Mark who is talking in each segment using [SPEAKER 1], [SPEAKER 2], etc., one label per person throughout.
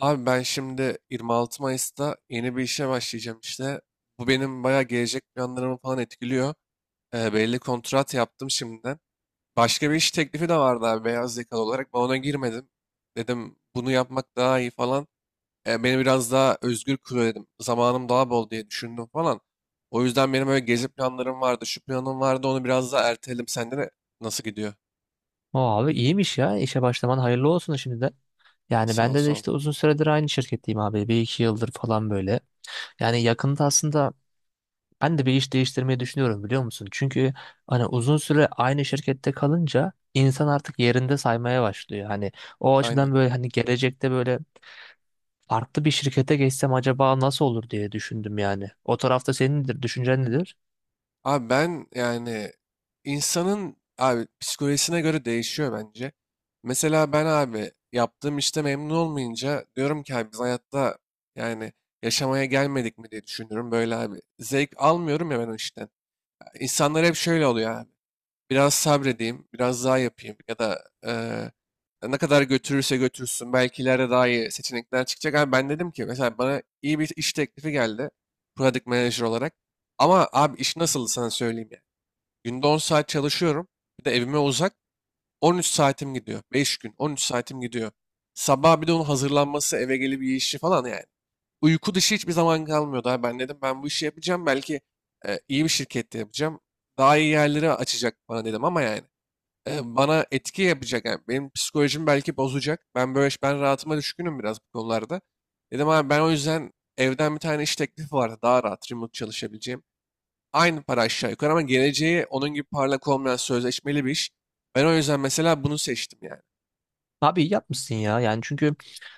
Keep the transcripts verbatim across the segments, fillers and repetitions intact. [SPEAKER 1] Abi ben şimdi yirmi altı Mayıs'ta yeni bir işe başlayacağım işte. Bu benim bayağı gelecek planlarımı falan etkiliyor. Ee, belli kontrat yaptım şimdiden. Başka bir iş teklifi de vardı abi beyaz yakalı olarak. Ben ona girmedim. Dedim bunu yapmak daha iyi falan. Ee, beni biraz daha özgür kılıyor dedim. Zamanım daha bol diye düşündüm falan. O yüzden benim öyle gezi planlarım vardı. Şu planım vardı onu biraz daha erteledim. Sende de nasıl gidiyor?
[SPEAKER 2] Abi iyiymiş ya. İşe başlaman hayırlı olsun şimdiden. Yani
[SPEAKER 1] Sağ ol
[SPEAKER 2] bende de
[SPEAKER 1] sağ ol.
[SPEAKER 2] işte uzun süredir aynı şirketteyim abi. Bir iki yıldır falan böyle. Yani yakında aslında ben de bir iş değiştirmeyi düşünüyorum biliyor musun? Çünkü hani uzun süre aynı şirkette kalınca insan artık yerinde saymaya başlıyor. Hani o
[SPEAKER 1] Aynen.
[SPEAKER 2] açıdan böyle hani gelecekte böyle farklı bir şirkete geçsem acaba nasıl olur diye düşündüm yani. O tarafta senin nedir, düşüncen nedir?
[SPEAKER 1] Abi ben yani insanın abi psikolojisine göre değişiyor bence. Mesela ben abi yaptığım işte memnun olmayınca diyorum ki abi biz hayatta yani yaşamaya gelmedik mi diye düşünüyorum böyle abi. Zevk almıyorum ya ben o işten. İnsanlar hep şöyle oluyor abi. Biraz sabredeyim, biraz daha yapayım ya da eee, ne kadar götürürse götürsün belki ileride daha iyi seçenekler çıkacak. Abi ben dedim ki mesela bana iyi bir iş teklifi geldi product manager olarak. Ama abi iş nasıldı sana söyleyeyim ya. Günde on saat çalışıyorum. Bir de evime uzak. on üç saatim gidiyor. beş gün on üç saatim gidiyor. Sabah bir de onun hazırlanması, eve gelip iyi işi falan yani. Uyku dışı hiçbir zaman kalmıyordu. abi. Ben dedim ben bu işi yapacağım. Belki e, iyi bir şirkette yapacağım. Daha iyi yerleri açacak bana dedim ama yani. E, bana etki yapacak. Yani benim psikolojimi belki bozacak. Ben böyle ben rahatıma düşkünüm biraz bu konularda. Dedim abi ben o yüzden evden bir tane iş teklifi vardı. Daha rahat remote çalışabileceğim. Aynı para aşağı yukarı ama geleceği onun gibi parlak olmayan sözleşmeli bir iş. Ben o yüzden mesela bunu seçtim yani.
[SPEAKER 2] Abi iyi yapmışsın ya yani çünkü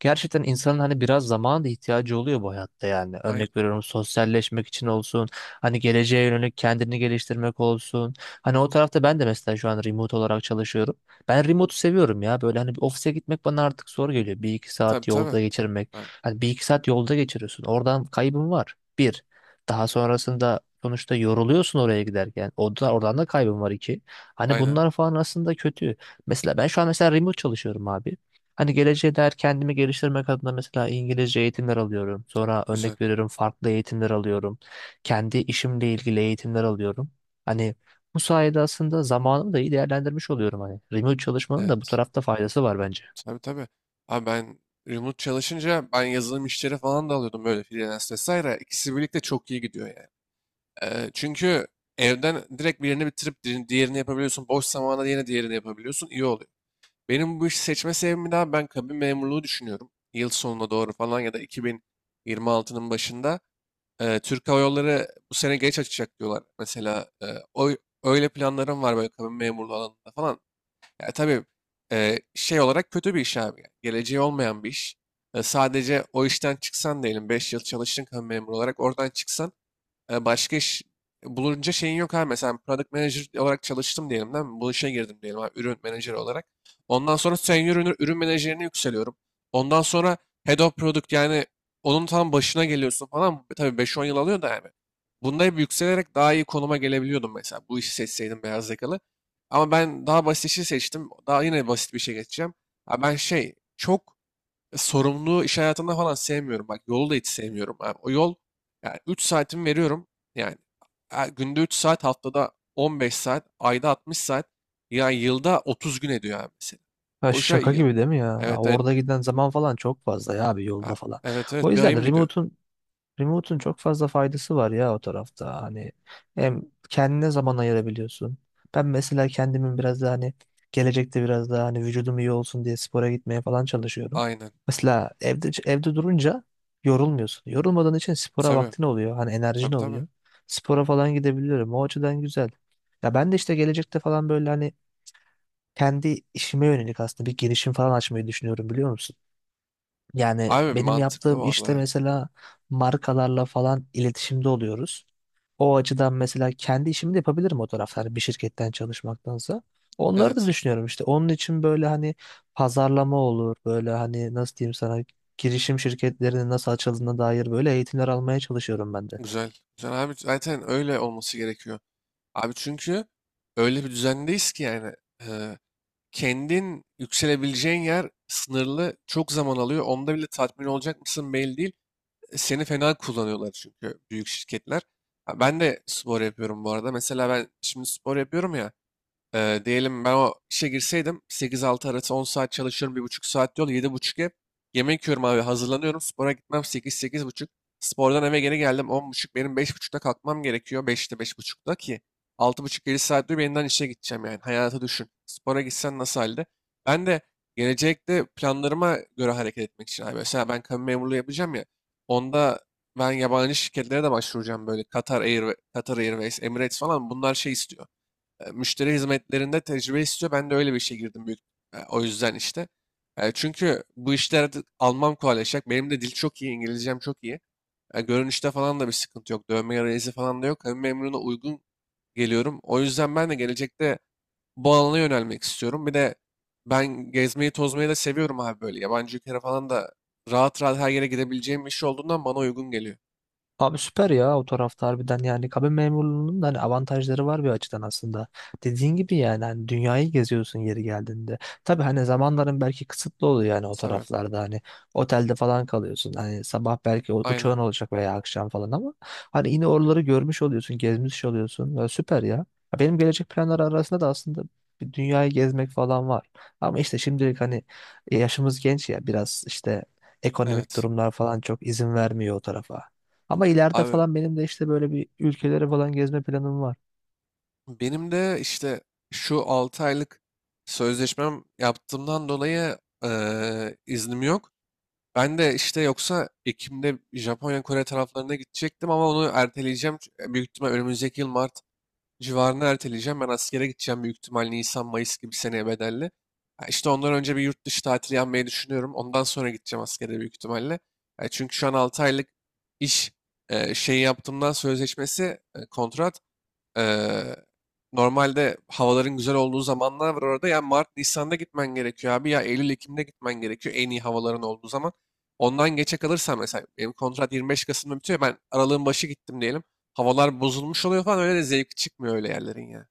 [SPEAKER 2] gerçekten insanın hani biraz zamana da ihtiyacı oluyor bu hayatta yani
[SPEAKER 1] Aynen.
[SPEAKER 2] örnek veriyorum sosyalleşmek için olsun hani geleceğe yönelik kendini geliştirmek olsun hani o tarafta ben de mesela şu an remote olarak çalışıyorum ben remote'u seviyorum ya böyle hani bir ofise gitmek bana artık zor geliyor bir iki
[SPEAKER 1] Tabii
[SPEAKER 2] saat
[SPEAKER 1] tabii.
[SPEAKER 2] yolda geçirmek
[SPEAKER 1] Tabii.
[SPEAKER 2] hani bir iki saat yolda geçiriyorsun oradan kaybın var bir daha sonrasında sonuçta yoruluyorsun oraya giderken o da, oradan da kaybın var iki hani
[SPEAKER 1] Aynen.
[SPEAKER 2] bunlar falan aslında kötü. Mesela ben şu an mesela remote çalışıyorum abi. Hani geleceğe dair kendimi geliştirmek adına mesela İngilizce eğitimler alıyorum. Sonra
[SPEAKER 1] Güzel.
[SPEAKER 2] örnek veriyorum farklı eğitimler alıyorum. Kendi işimle ilgili eğitimler alıyorum. Hani bu sayede aslında zamanımı da iyi değerlendirmiş oluyorum hani. Remote çalışmanın da bu
[SPEAKER 1] Evet.
[SPEAKER 2] tarafta faydası var bence.
[SPEAKER 1] Tabii tabii. Abi ben remote çalışınca ben yazılım işleri falan da alıyordum böyle freelance vesaire. İkisi birlikte çok iyi gidiyor yani. Ee, çünkü evden direkt birini bitirip di- diğerini yapabiliyorsun. Boş zamanda yine diğerini yapabiliyorsun. İyi oluyor. Benim bu işi seçme sebebim daha ben kabin memurluğu düşünüyorum. Yıl sonuna doğru falan ya da iki bin yirmi altının başında. Eee, Türk Hava Yolları bu sene geç açacak diyorlar. Mesela eee, o öyle planlarım var böyle kabin memurluğu alanında falan. Ya tabii eee, şey olarak kötü bir iş abi. Yani geleceği olmayan bir iş. E, sadece o işten çıksan diyelim beş yıl çalıştın kabin memuru olarak oradan çıksan e, başka iş bulunca şeyin yok abi. Mesela ben product manager olarak çalıştım diyelim değil mi? Bu işe girdim diyelim abi, ürün menajeri olarak. Ondan sonra senior ürün, ürün menajerine yükseliyorum. Ondan sonra head of product yani onun tam başına geliyorsun falan. Tabii beş on yıl alıyor da yani. Bunda hep yükselerek daha iyi konuma gelebiliyordum mesela. Bu işi seçseydim beyaz yakalı. Ama ben daha basit işi seçtim. Daha yine basit bir şey geçeceğim. Ha ben şey çok sorumluluğu iş hayatında falan sevmiyorum. Bak yolu da hiç sevmiyorum. abi. o yol yani üç saatimi veriyorum. Yani e, günde üç saat, haftada on beş saat, ayda altmış saat. Yani yılda otuz gün ediyor abi mesela.
[SPEAKER 2] Ha,
[SPEAKER 1] Boşa
[SPEAKER 2] şaka
[SPEAKER 1] yıl.
[SPEAKER 2] gibi değil mi ya?
[SPEAKER 1] Evet evet.
[SPEAKER 2] Orada giden zaman falan çok fazla ya abi yolda
[SPEAKER 1] Ha,
[SPEAKER 2] falan.
[SPEAKER 1] evet
[SPEAKER 2] O
[SPEAKER 1] evet bir ayım
[SPEAKER 2] yüzden
[SPEAKER 1] gidiyor.
[SPEAKER 2] remote'un Remote'un çok fazla faydası var ya o tarafta. Hani hem kendine zaman ayırabiliyorsun. Ben mesela kendimin biraz daha hani gelecekte biraz daha hani vücudum iyi olsun diye spora gitmeye falan çalışıyorum.
[SPEAKER 1] Aynen.
[SPEAKER 2] Mesela evde evde durunca yorulmuyorsun. Yorulmadığın için spora
[SPEAKER 1] Tabii.
[SPEAKER 2] vaktin oluyor. Hani enerjin
[SPEAKER 1] Tabii tabii.
[SPEAKER 2] oluyor. Spora falan gidebiliyorum. O açıdan güzel. Ya ben de işte gelecekte falan böyle hani kendi işime yönelik aslında bir girişim falan açmayı düşünüyorum biliyor musun? Yani
[SPEAKER 1] Abi
[SPEAKER 2] benim
[SPEAKER 1] mantıklı
[SPEAKER 2] yaptığım
[SPEAKER 1] bu arada
[SPEAKER 2] işte
[SPEAKER 1] ya.
[SPEAKER 2] mesela markalarla falan iletişimde oluyoruz. O açıdan mesela kendi işimi de yapabilirim o tarafta hani bir şirketten çalışmaktansa. Onları da
[SPEAKER 1] Evet.
[SPEAKER 2] düşünüyorum işte. Onun için böyle hani pazarlama olur. Böyle hani nasıl diyeyim sana girişim şirketlerinin nasıl açıldığına dair böyle eğitimler almaya çalışıyorum ben de.
[SPEAKER 1] Güzel. Güzel abi zaten öyle olması gerekiyor. Abi çünkü öyle bir düzendeyiz ki yani. kendin yükselebileceğin yer sınırlı, çok zaman alıyor. Onda bile tatmin olacak mısın belli değil. e, Seni fena kullanıyorlar çünkü büyük şirketler. Ha, ben de spor yapıyorum bu arada. Mesela ben şimdi spor yapıyorum ya. Ee, diyelim ben o işe girseydim sekiz altı arası on saat çalışıyorum, bir buçuk saat yol, yedi buçuk ev. Yemek yiyorum abi, hazırlanıyorum, spora gitmem sekiz buçuk. Spordan eve geri geldim on buçuk. Benim beş buçukta kalkmam gerekiyor. beşte buçukta ki altı buçuk yedi saat diyor yeniden işe gideceğim, yani hayatı düşün. Spora gitsen nasıl halde? Ben de gelecekte planlarıma göre hareket etmek için abi. Mesela ben kamu memurluğu yapacağım ya, onda ben yabancı şirketlere de başvuracağım böyle Qatar Air, Qatar Airways, Emirates falan, bunlar şey istiyor, e, müşteri hizmetlerinde tecrübe istiyor. Ben de öyle bir işe girdim büyük. e, O yüzden işte. E, Çünkü bu işler artık almam kolaylaşacak. Benim de dil çok iyi, İngilizcem çok iyi. E, Görünüşte falan da bir sıkıntı yok. Dövme yarayızı falan da yok. Hem memuruna uygun geliyorum. O yüzden ben de gelecekte bu alana yönelmek istiyorum. Bir de ben gezmeyi tozmayı da seviyorum abi böyle. Yabancı ülkelere falan da rahat rahat her yere gidebileceğim bir iş olduğundan bana uygun geliyor.
[SPEAKER 2] Abi süper ya o tarafta harbiden yani kabin memurluğunun da hani avantajları var bir açıdan aslında. Dediğin gibi yani hani dünyayı geziyorsun yeri geldiğinde. Tabii hani zamanların belki kısıtlı oluyor yani o
[SPEAKER 1] Tabii.
[SPEAKER 2] taraflarda hani otelde falan kalıyorsun. Hani sabah belki o-
[SPEAKER 1] Aynen.
[SPEAKER 2] uçağın olacak veya akşam falan ama hani yine oraları görmüş oluyorsun, gezmiş oluyorsun. Ya süper ya. Ya benim gelecek planlar arasında da aslında bir dünyayı gezmek falan var. Ama işte şimdilik hani e, yaşımız genç ya biraz işte ekonomik
[SPEAKER 1] Evet.
[SPEAKER 2] durumlar falan çok izin vermiyor o tarafa. Ama ileride
[SPEAKER 1] Abi
[SPEAKER 2] falan benim de işte böyle bir ülkelere falan gezme planım var.
[SPEAKER 1] benim de işte şu altı aylık sözleşmem yaptığımdan dolayı eee, iznim yok. Ben de işte yoksa Ekim'de Japonya, Kore taraflarına gidecektim ama onu erteleyeceğim. Ç- e, Büyük ihtimal önümüzdeki yıl Mart civarına erteleyeceğim. Ben askere gideceğim büyük ihtimal Nisan, Mayıs gibi seneye bedelli. Ya İşte ondan önce bir yurt dışı tatili yapmayı düşünüyorum. Ondan sonra gideceğim askere büyük ihtimalle. Ya çünkü şu an altı aylık iş eee şeyi yaptığımdan sözleşmesi, e, kontrat. Eee, Normalde havaların güzel olduğu zamanlar var orada. Ya Mart, Nisan'da gitmen gerekiyor abi. Ya Eylül, Ekim'de gitmen gerekiyor en iyi havaların olduğu zaman. Ondan geçe kalırsan mesela benim kontrat yirmi beş Kasım'da bitiyor. Ben aralığın başı gittim diyelim. Havalar bozulmuş oluyor falan. Öyle de zevk çıkmıyor öyle yerlerin ya.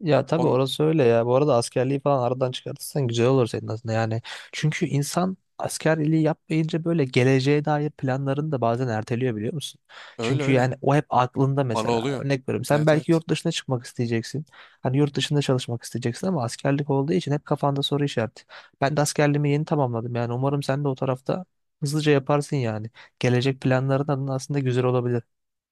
[SPEAKER 2] Ya tabii
[SPEAKER 1] On,
[SPEAKER 2] orası öyle ya. Bu arada askerliği falan aradan çıkartırsan güzel olur senin aslında yani. Çünkü insan askerliği yapmayınca böyle geleceğe dair planlarını da bazen erteliyor biliyor musun?
[SPEAKER 1] Öyle
[SPEAKER 2] Çünkü
[SPEAKER 1] öyle.
[SPEAKER 2] yani o hep aklında
[SPEAKER 1] Bana
[SPEAKER 2] mesela.
[SPEAKER 1] oluyor.
[SPEAKER 2] Örnek veriyorum sen
[SPEAKER 1] Evet
[SPEAKER 2] belki
[SPEAKER 1] evet.
[SPEAKER 2] yurt dışına çıkmak isteyeceksin. Hani yurt dışında çalışmak isteyeceksin ama askerlik olduğu için hep kafanda soru işareti. Ben de askerliğimi yeni tamamladım yani umarım sen de o tarafta hızlıca yaparsın yani. Gelecek planların adına aslında güzel olabilir.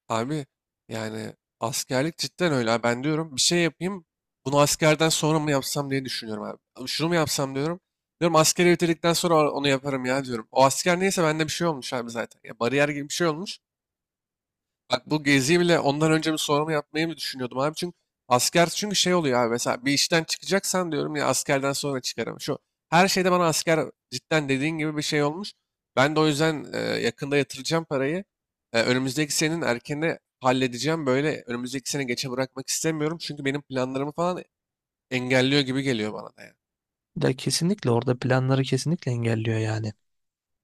[SPEAKER 1] Abi yani askerlik cidden öyle. Ha, ben diyorum bir şey yapayım. Bunu askerden sonra mı yapsam diye düşünüyorum abi. Abi şunu mu yapsam diyorum. Diyorum askeri bitirdikten sonra onu yaparım ya diyorum. O asker neyse bende bir şey olmuş abi zaten. Ya bariyer gibi bir şey olmuş. Bak bu geziyi bile ondan önce mi sonra mı yapmayı mı düşünüyordum abi? Çünkü asker çünkü şey oluyor abi, mesela bir işten çıkacaksan diyorum ya askerden sonra çıkarım. Şu her şeyde bana asker cidden dediğin gibi bir şey olmuş. Ben de o yüzden e, yakında yatıracağım parayı. E, önümüzdeki senenin erkene halledeceğim. Böyle önümüzdeki sene geçe bırakmak istemiyorum. Çünkü benim planlarımı falan engelliyor gibi geliyor bana da yani.
[SPEAKER 2] Ya kesinlikle orada planları kesinlikle engelliyor yani.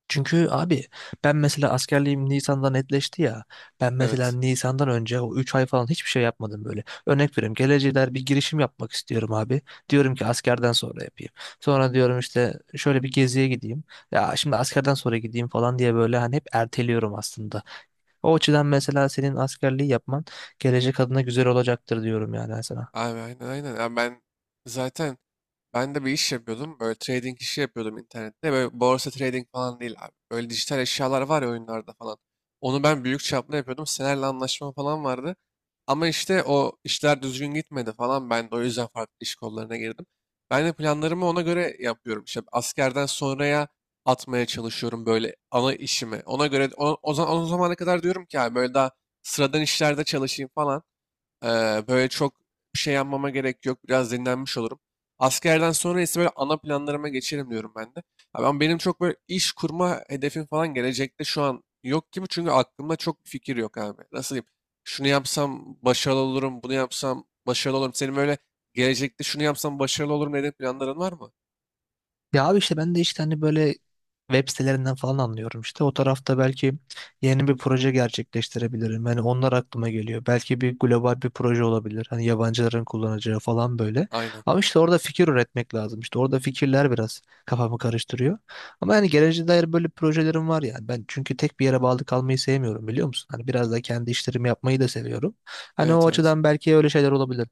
[SPEAKER 2] Çünkü abi ben mesela askerliğim Nisan'da netleşti ya. Ben mesela
[SPEAKER 1] Evet.
[SPEAKER 2] Nisan'dan önce o üç ay falan hiçbir şey yapmadım böyle. Örnek veriyorum geleceğe dair bir girişim yapmak istiyorum abi. Diyorum ki askerden sonra yapayım. Sonra diyorum işte şöyle bir geziye gideyim. Ya şimdi askerden sonra gideyim falan diye böyle hani hep erteliyorum aslında. O açıdan mesela senin askerliği yapman gelecek adına güzel olacaktır diyorum yani sana.
[SPEAKER 1] Abi aynen aynen. Ya ben zaten Ben de bir iş yapıyordum. Böyle trading işi yapıyordum internette. Böyle borsa trading falan değil abi. Böyle dijital eşyalar var ya oyunlarda falan. Onu ben büyük çaplı yapıyordum. Senelerle anlaşma falan vardı. Ama işte o işler düzgün gitmedi falan. Ben de o yüzden farklı iş kollarına girdim. Ben de planlarımı ona göre yapıyorum. İşte askerden sonraya atmaya çalışıyorum böyle ana işimi. Ona göre o, o zaman o zamana kadar diyorum ki abi böyle daha sıradan işlerde çalışayım falan. Eee, böyle çok bir şey yapmama gerek yok. Biraz dinlenmiş olurum. Askerden sonra ise böyle ana planlarıma geçerim diyorum ben de. Abi ama benim çok böyle iş kurma hedefim falan gelecekte şu an yok gibi. Çünkü aklımda çok bir fikir yok abi. Nasıl diyeyim? Şunu yapsam başarılı olurum, bunu yapsam başarılı olurum. Senin böyle gelecekte şunu yapsam başarılı olurum dediğin planların var mı?
[SPEAKER 2] Ya abi işte ben de işte hani böyle web sitelerinden falan anlıyorum işte. O tarafta belki yeni bir proje gerçekleştirebilirim. Hani onlar aklıma geliyor. Belki bir global bir proje olabilir. Hani yabancıların kullanacağı falan böyle.
[SPEAKER 1] Aynen.
[SPEAKER 2] Ama işte orada fikir üretmek lazım. İşte orada fikirler biraz kafamı karıştırıyor. Ama yani geleceğe dair böyle projelerim var yani. Ben çünkü tek bir yere bağlı kalmayı sevmiyorum biliyor musun? Hani biraz da kendi işlerimi yapmayı da seviyorum. Hani
[SPEAKER 1] Evet
[SPEAKER 2] o
[SPEAKER 1] evet.
[SPEAKER 2] açıdan belki öyle şeyler olabilir.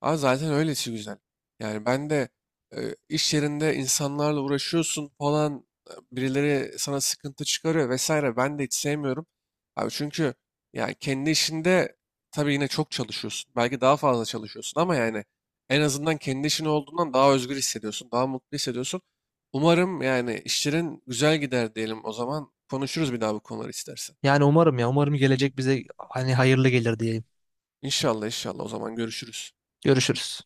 [SPEAKER 1] Aa, zaten öyle işi güzel. Yani ben de e, iş yerinde insanlarla uğraşıyorsun falan, e, birileri sana sıkıntı çıkarıyor vesaire, ben de hiç sevmiyorum. Abi çünkü yani kendi işinde tabii yine çok çalışıyorsun. Belki daha fazla çalışıyorsun ama yani en azından kendi işin olduğundan daha özgür hissediyorsun, daha mutlu hissediyorsun. Umarım yani işlerin güzel gider diyelim o zaman. Konuşuruz bir daha bu konuları istersen.
[SPEAKER 2] Yani umarım ya umarım gelecek bize hani hayırlı gelir diyeyim.
[SPEAKER 1] İnşallah inşallah o zaman görüşürüz.
[SPEAKER 2] Görüşürüz.